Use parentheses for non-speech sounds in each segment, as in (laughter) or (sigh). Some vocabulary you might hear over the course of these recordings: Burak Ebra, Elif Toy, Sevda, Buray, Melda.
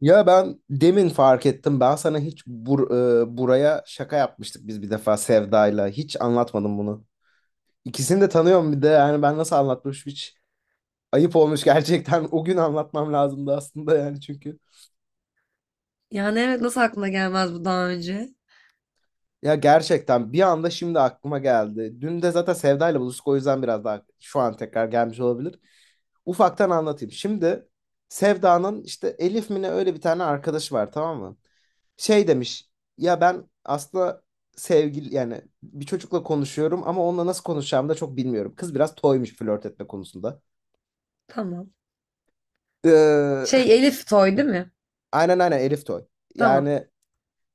Ya ben demin fark ettim. Ben sana hiç buraya şaka yapmıştık biz bir defa Sevda'yla. Hiç anlatmadım bunu. İkisini de tanıyorum bir de. Yani ben nasıl anlatmış hiç ayıp olmuş gerçekten. O gün anlatmam lazımdı aslında yani çünkü. Yani evet, nasıl aklına gelmez bu daha önce? Ya gerçekten bir anda şimdi aklıma geldi. Dün de zaten Sevda'yla buluştuk o yüzden biraz daha şu an tekrar gelmiş olabilir. Ufaktan anlatayım. Şimdi Sevda'nın işte Elif mi ne öyle bir tane arkadaşı var, tamam mı? Şey demiş, ya ben aslında sevgili yani bir çocukla konuşuyorum ama onunla nasıl konuşacağımı da çok bilmiyorum. Kız biraz toymuş flört etme konusunda. Tamam. Ee, (laughs) Şey, Elif Toy değil mi? aynen aynen Elif Toy. Tamam. Yani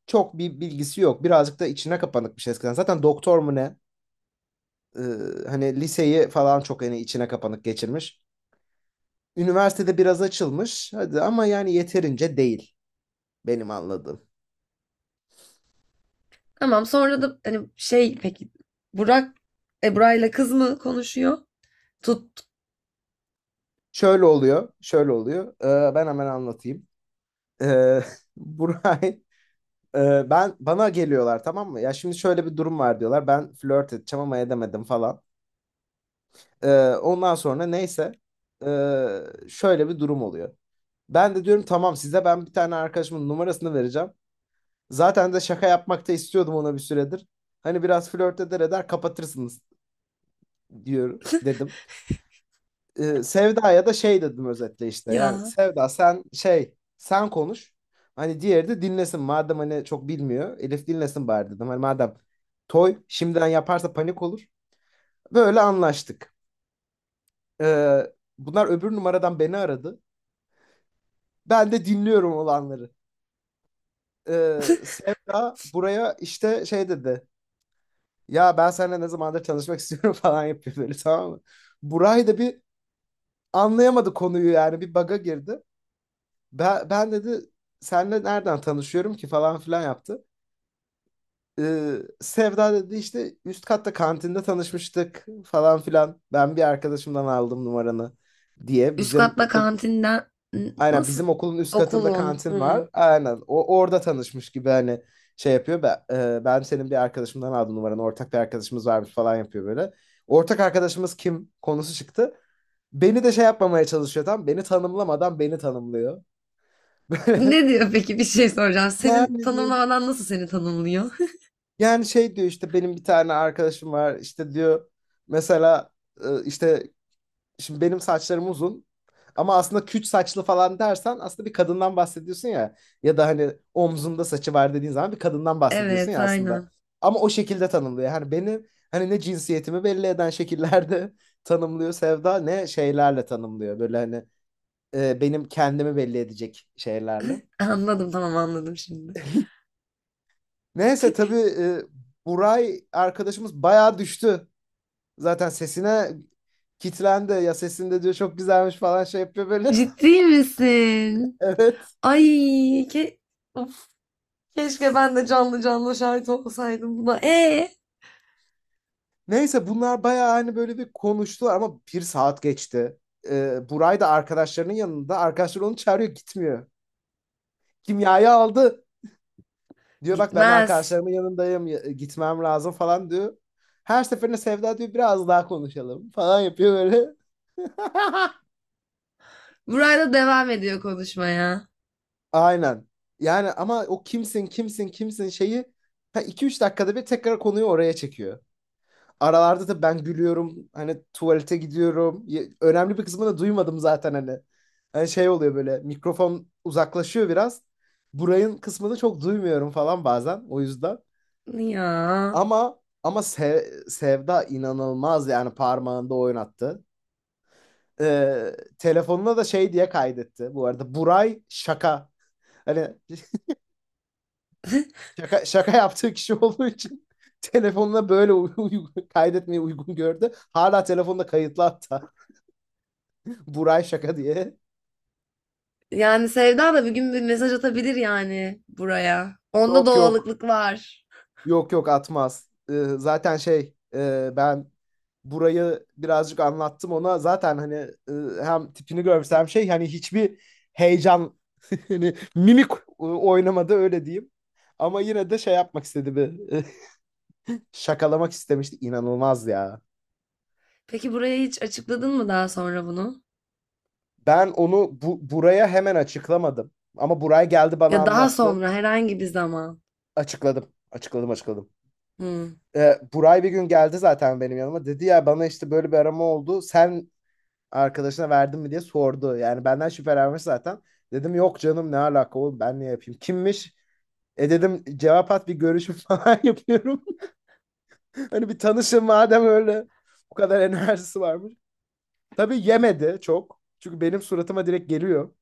çok bir bilgisi yok. Birazcık da içine kapanıkmış eskiden. Zaten doktor mu ne? Ee, Hani liseyi falan çok hani içine kapanık geçirmiş. Üniversitede biraz açılmış. Hadi ama yani yeterince değil benim anladığım. Tamam, sonra da hani şey, peki Burak Ebra'yla kız mı konuşuyor? Tut Şöyle oluyor, şöyle oluyor. Ben hemen anlatayım. Ee, (laughs) Buray ben bana geliyorlar, tamam mı? Ya şimdi şöyle bir durum var diyorlar. Ben flört edeceğim ama edemedim falan. Ondan sonra neyse ee, şöyle bir durum oluyor. Ben de diyorum tamam size ben bir tane arkadaşımın numarasını vereceğim. Zaten de şaka yapmakta istiyordum ona bir süredir. Hani biraz flört eder eder kapatırsınız diyorum dedim. E, Sevda'ya da şey dedim özetle işte. Yani ya. Sevda sen şey sen konuş. Hani diğeri de dinlesin. Madem hani çok bilmiyor. Elif dinlesin bari dedim. Hani madem Toy şimdiden yaparsa panik olur. Böyle anlaştık. Ee, Bunlar öbür numaradan beni aradı. Ben de dinliyorum olanları. Sevda buraya işte şey dedi. Ya ben seninle ne zamandır tanışmak istiyorum (laughs) falan yapıyor böyle, tamam mı? Buray da bir anlayamadı konuyu, yani bir baga girdi. Ben dedi senle nereden tanışıyorum ki falan filan yaptı. Ee, Sevda dedi işte üst katta kantinde tanışmıştık falan filan. Ben bir arkadaşımdan aldım numaranı diye Üst bizim katta okul. kantinden N- Aynen nasıl bizim okulun üst katında okulun? kantin var. Hmm. Aynen o orada tanışmış gibi hani şey yapıyor. Ben senin bir arkadaşımdan aldım numaranı, ortak bir arkadaşımız varmış falan yapıyor böyle. Ortak arkadaşımız kim konusu çıktı. Beni de şey yapmamaya çalışıyor, tam beni tanımlamadan beni tanımlıyor. (laughs) Böyle Ne diyor peki, bir şey soracağım. Senin yani diyor. tanımlamadan nasıl seni tanımlıyor? (laughs) Yani şey diyor işte benim bir tane arkadaşım var işte diyor mesela işte şimdi benim saçlarım uzun ama aslında küt saçlı falan dersen aslında bir kadından bahsediyorsun ya, ya da hani omzunda saçı var dediğin zaman bir kadından bahsediyorsun Evet, ya aslında. aynen. Ama o şekilde tanımlıyor. Hani benim hani ne cinsiyetimi belli eden şekillerde (laughs) tanımlıyor Sevda ne şeylerle tanımlıyor. Böyle hani benim kendimi belli edecek şeylerle. Anladım, tamam, anladım şimdi. (laughs) Neyse tabii Buray arkadaşımız bayağı düştü. Zaten sesine kitlendi ya, sesinde diyor çok güzelmiş falan şey yapıyor böyle. (laughs) Ciddi misin? Evet. Ay ke of, keşke ben de canlı canlı şahit olsaydım buna. E Neyse bunlar bayağı hani böyle bir konuştular ama, bir saat geçti. Buray da arkadaşlarının yanında. Arkadaşlar onu çağırıyor gitmiyor. Kimyayı aldı. Diyor bak ben gitmez. arkadaşlarımın yanındayım, ya- gitmem lazım falan diyor. Her seferinde Sevda diyor biraz daha konuşalım falan yapıyor böyle. (laughs) Burayla devam ediyor konuşmaya. Aynen. Yani ama o kimsin kimsin kimsin şeyi ha, iki üç dakikada bir tekrar konuyu oraya çekiyor. Aralarda da ben gülüyorum. Hani tuvalete gidiyorum. Ye- Önemli bir kısmını da duymadım zaten hani. Hani şey oluyor böyle, mikrofon uzaklaşıyor biraz. Burayın kısmını çok duymuyorum falan bazen o yüzden. Ya. Ama Se- Sevda inanılmaz yani, parmağında oynattı. Telefonuna da şey diye kaydetti. Bu arada Buray şaka. Hani (laughs) şaka yaptığı kişi olduğu için (laughs) telefonuna böyle uy- uy- kaydetmeyi uygun gördü. Hala telefonda kayıtlı hatta. Buray şaka diye. Yani Sevda da bir gün bir mesaj atabilir yani buraya. Onda Yok yok. doğallıklık var. Yok yok atmaz. Zaten şey ben burayı birazcık anlattım ona. Zaten hani hem tipini görsem şey hani hiçbir heyecan (laughs) hani mimik oynamadı öyle diyeyim. Ama yine de şey yapmak istedi bir (laughs) şakalamak istemişti. İnanılmaz ya. Peki buraya hiç açıkladın mı daha sonra bunu? Ben onu buraya hemen açıklamadım. Ama buraya geldi bana Ya daha anlattı. sonra herhangi bir zaman. Açıkladım. Açıkladım. Hmm. E, Buray bir gün geldi zaten benim yanıma. Dedi ya bana işte böyle bir arama oldu. Sen arkadaşına verdin mi diye sordu. Yani benden şüphelenmiş zaten. Dedim yok canım, ne alaka oğlum, ben niye yapayım? Kimmiş? E dedim cevap at bir görüşüm (laughs) falan yapıyorum. (laughs) Hani bir tanışın madem öyle. Bu kadar enerjisi varmış. Tabii yemedi çok. Çünkü benim suratıma direkt geliyor.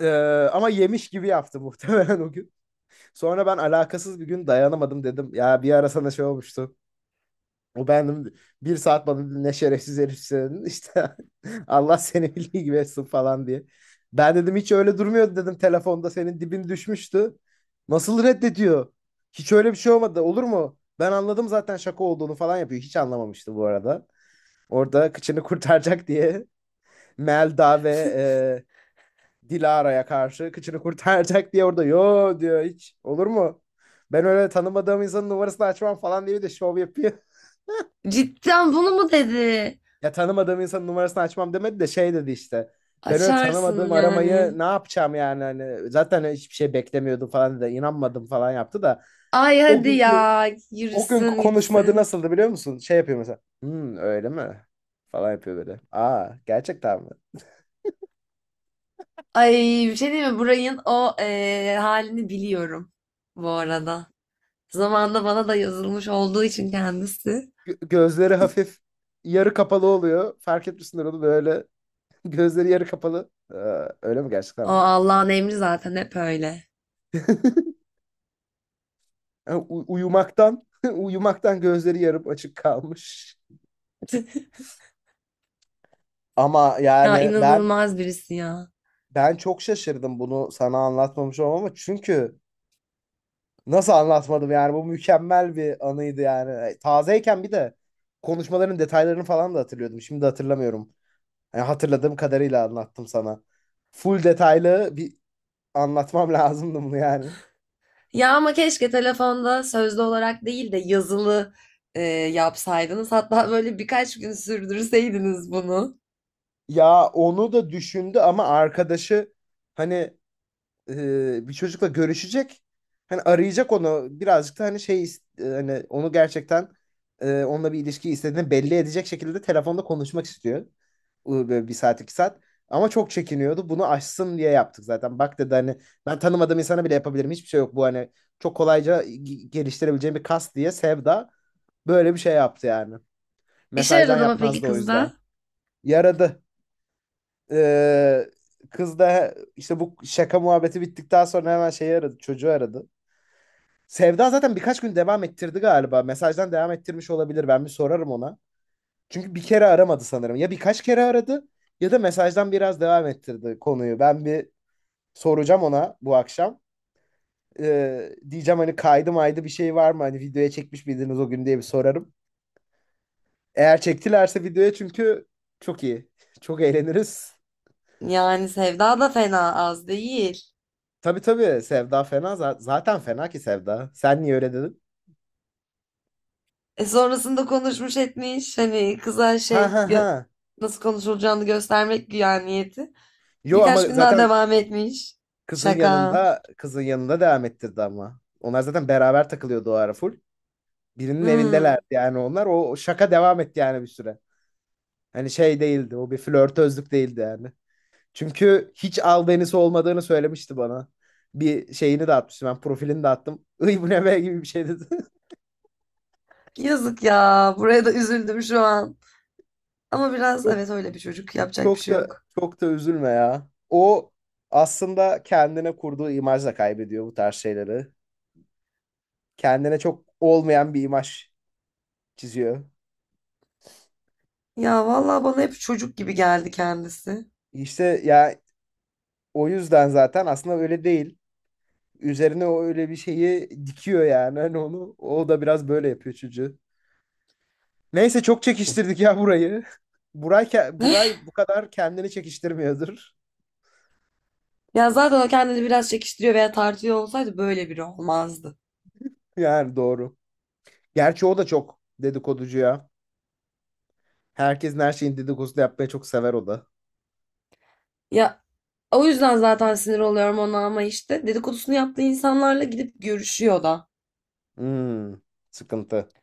Ee, Ama yemiş gibi yaptı (laughs) muhtemelen o gün. Sonra ben alakasız bir gün dayanamadım dedim. Ya bir ara sana şey olmuştu. O ben bir saat bana ne şerefsiz herifsin işte (laughs) Allah seni bildiği gibi etsin falan diye. Ben dedim hiç öyle durmuyordu dedim, telefonda senin dibin düşmüştü. Nasıl reddediyor? Hiç öyle bir şey olmadı olur mu? Ben anladım zaten şaka olduğunu falan yapıyor. Hiç anlamamıştı bu arada. Orada kıçını kurtaracak diye (laughs) Melda ve (laughs) Dilara'ya karşı kıçını kurtaracak diye orada yo diyor, hiç olur mu? Ben öyle tanımadığım insanın numarasını açmam falan diye bir de şov yapıyor. Cidden bunu mu dedi? Ya tanımadığım insanın numarasını açmam demedi de şey dedi işte. Ben öyle Açarsın tanımadığım aramayı yani. ne yapacağım yani, hani zaten hiçbir şey beklemiyordum falan dedi. İnanmadım falan yaptı da. Ay O hadi günkü ya, o günkü yürüsün konuşmadı gitsin. nasıldı biliyor musun? Şey yapıyor mesela. Hmm, öyle mi? Falan yapıyor böyle. Aa gerçekten mi? Ay, bir şey diyeyim mi? Burayın o halini biliyorum bu arada. Zamanında bana da yazılmış olduğu için kendisi. Gö- gözleri hafif yarı kapalı oluyor. Fark etmişsindir onu böyle. (laughs) Gözleri yarı kapalı. Aa, öyle mi gerçekten O mi? Allah'ın emri zaten, hep öyle. (laughs) Yani u- (laughs) uyumaktan gözleri yarım açık kalmış. (laughs) Ama Ya yani ben. inanılmaz birisi ya. Ben çok şaşırdım bunu sana anlatmamış olmama. Çünkü nasıl anlatmadım yani, bu mükemmel bir anıydı yani. E, tazeyken bir de konuşmaların detaylarını falan da hatırlıyordum. Şimdi hatırlamıyorum. Yani hatırladığım kadarıyla anlattım sana. Full detaylı bir anlatmam (laughs) lazımdı bunu yani. Ya ama keşke telefonda sözlü olarak değil de yazılı yapsaydınız. Hatta böyle birkaç gün sürdürseydiniz bunu. Ya onu da düşündü ama arkadaşı hani bir çocukla görüşecek. Hani arayacak onu birazcık da hani şey hani onu gerçekten onunla bir ilişki istediğini belli edecek şekilde telefonda konuşmak istiyor. Bu Böyle bir saat iki saat. Ama çok çekiniyordu. Bunu aşsın diye yaptık zaten. Bak dedi hani ben tanımadığım insana bile yapabilirim. Hiçbir şey yok bu, hani çok kolayca g- geliştirebileceğim bir kas diye Sevda böyle bir şey yaptı yani. İşe Mesajdan yaradı mı peki yapmazdı o kızda? yüzden. Yaradı. Ee, Kız da işte bu şaka muhabbeti bittikten sonra hemen şeyi aradı, çocuğu aradı. Sevda zaten birkaç gün devam ettirdi galiba. Mesajdan devam ettirmiş olabilir. Ben bir sorarım ona. Çünkü bir kere aramadı sanırım. Ya birkaç kere aradı ya da mesajdan biraz devam ettirdi konuyu. Ben bir soracağım ona bu akşam. Diyeceğim hani kaydı maydı bir şey var mı? Hani videoya çekmiş miydiniz o gün diye bir sorarım. Eğer çektilerse videoya çünkü çok iyi. Çok eğleniriz. Yani Sevda da fena az değil. Tabii tabii Sevda fena za- zaten fena ki Sevda. Sen niye öyle dedin? E sonrasında konuşmuş etmiş hani kıza Ha şey ha gö- ha. nasıl konuşulacağını göstermek güya niyeti. Yo Birkaç ama gün daha zaten devam etmiş. kızın Şaka. yanında kızın yanında devam ettirdi ama. Onlar zaten beraber takılıyordu o ara full. Birinin evindelerdi Hmm. yani onlar. O şaka devam etti yani bir süre. Hani şey değildi o, bir flörtözlük değildi yani. Çünkü hiç albenisi olmadığını söylemişti bana. Bir şeyini de atmıştım, ben profilini de attım. (laughs) Iy bu ne be gibi bir şey dedi. Yazık ya. Buraya da üzüldüm şu an. Ama biraz evet, (laughs) öyle bir çocuk. Yapacak bir Çok şey da yok. çok da üzülme ya. O aslında kendine kurduğu imajla kaybediyor bu tarz şeyleri. Kendine çok olmayan bir imaj çiziyor. Ya vallahi bana hep çocuk gibi geldi kendisi. İşte ya o yüzden zaten aslında öyle değil. Üzerine o öyle bir şeyi dikiyor yani hani onu. O da biraz böyle yapıyor çocuğu. Neyse çok çekiştirdik ya burayı. Buray, ke- Buray bu kadar kendini çekiştirmiyordur. Ya zaten o kendini biraz çekiştiriyor veya tartıyor olsaydı böyle biri olmazdı. (laughs) Yani doğru. Gerçi o da çok dedikoducu ya. Herkesin her şeyin dedikodusunu yapmayı çok sever o da. Ya o yüzden zaten sinir oluyorum ona, ama işte dedikodusunu yaptığı insanlarla gidip görüşüyor da. Hmm, sıkıntı.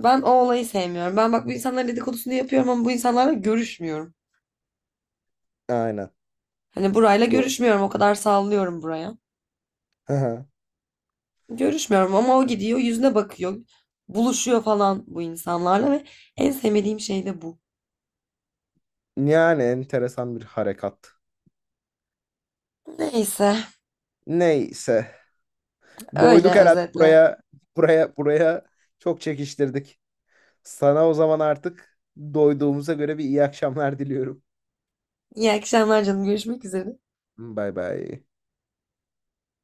Ben o olayı sevmiyorum. Ben bak, bu insanların dedikodusunu yapıyorum ama bu insanlarla görüşmüyorum. Aynen. Hani burayla Doğru. görüşmüyorum. O kadar sallıyorum buraya. Hı hı. Görüşmüyorum ama o gidiyor yüzüne bakıyor. Buluşuyor falan bu insanlarla ve en sevmediğim şey de bu. Yani enteresan bir harekat. Neyse, Neyse. Doyduk öyle herhalde özetle. buraya. Buraya çok çekiştirdik. Sana o zaman artık doyduğumuza göre bir iyi akşamlar diliyorum. İyi akşamlar canım. Görüşmek üzere. Bay bay.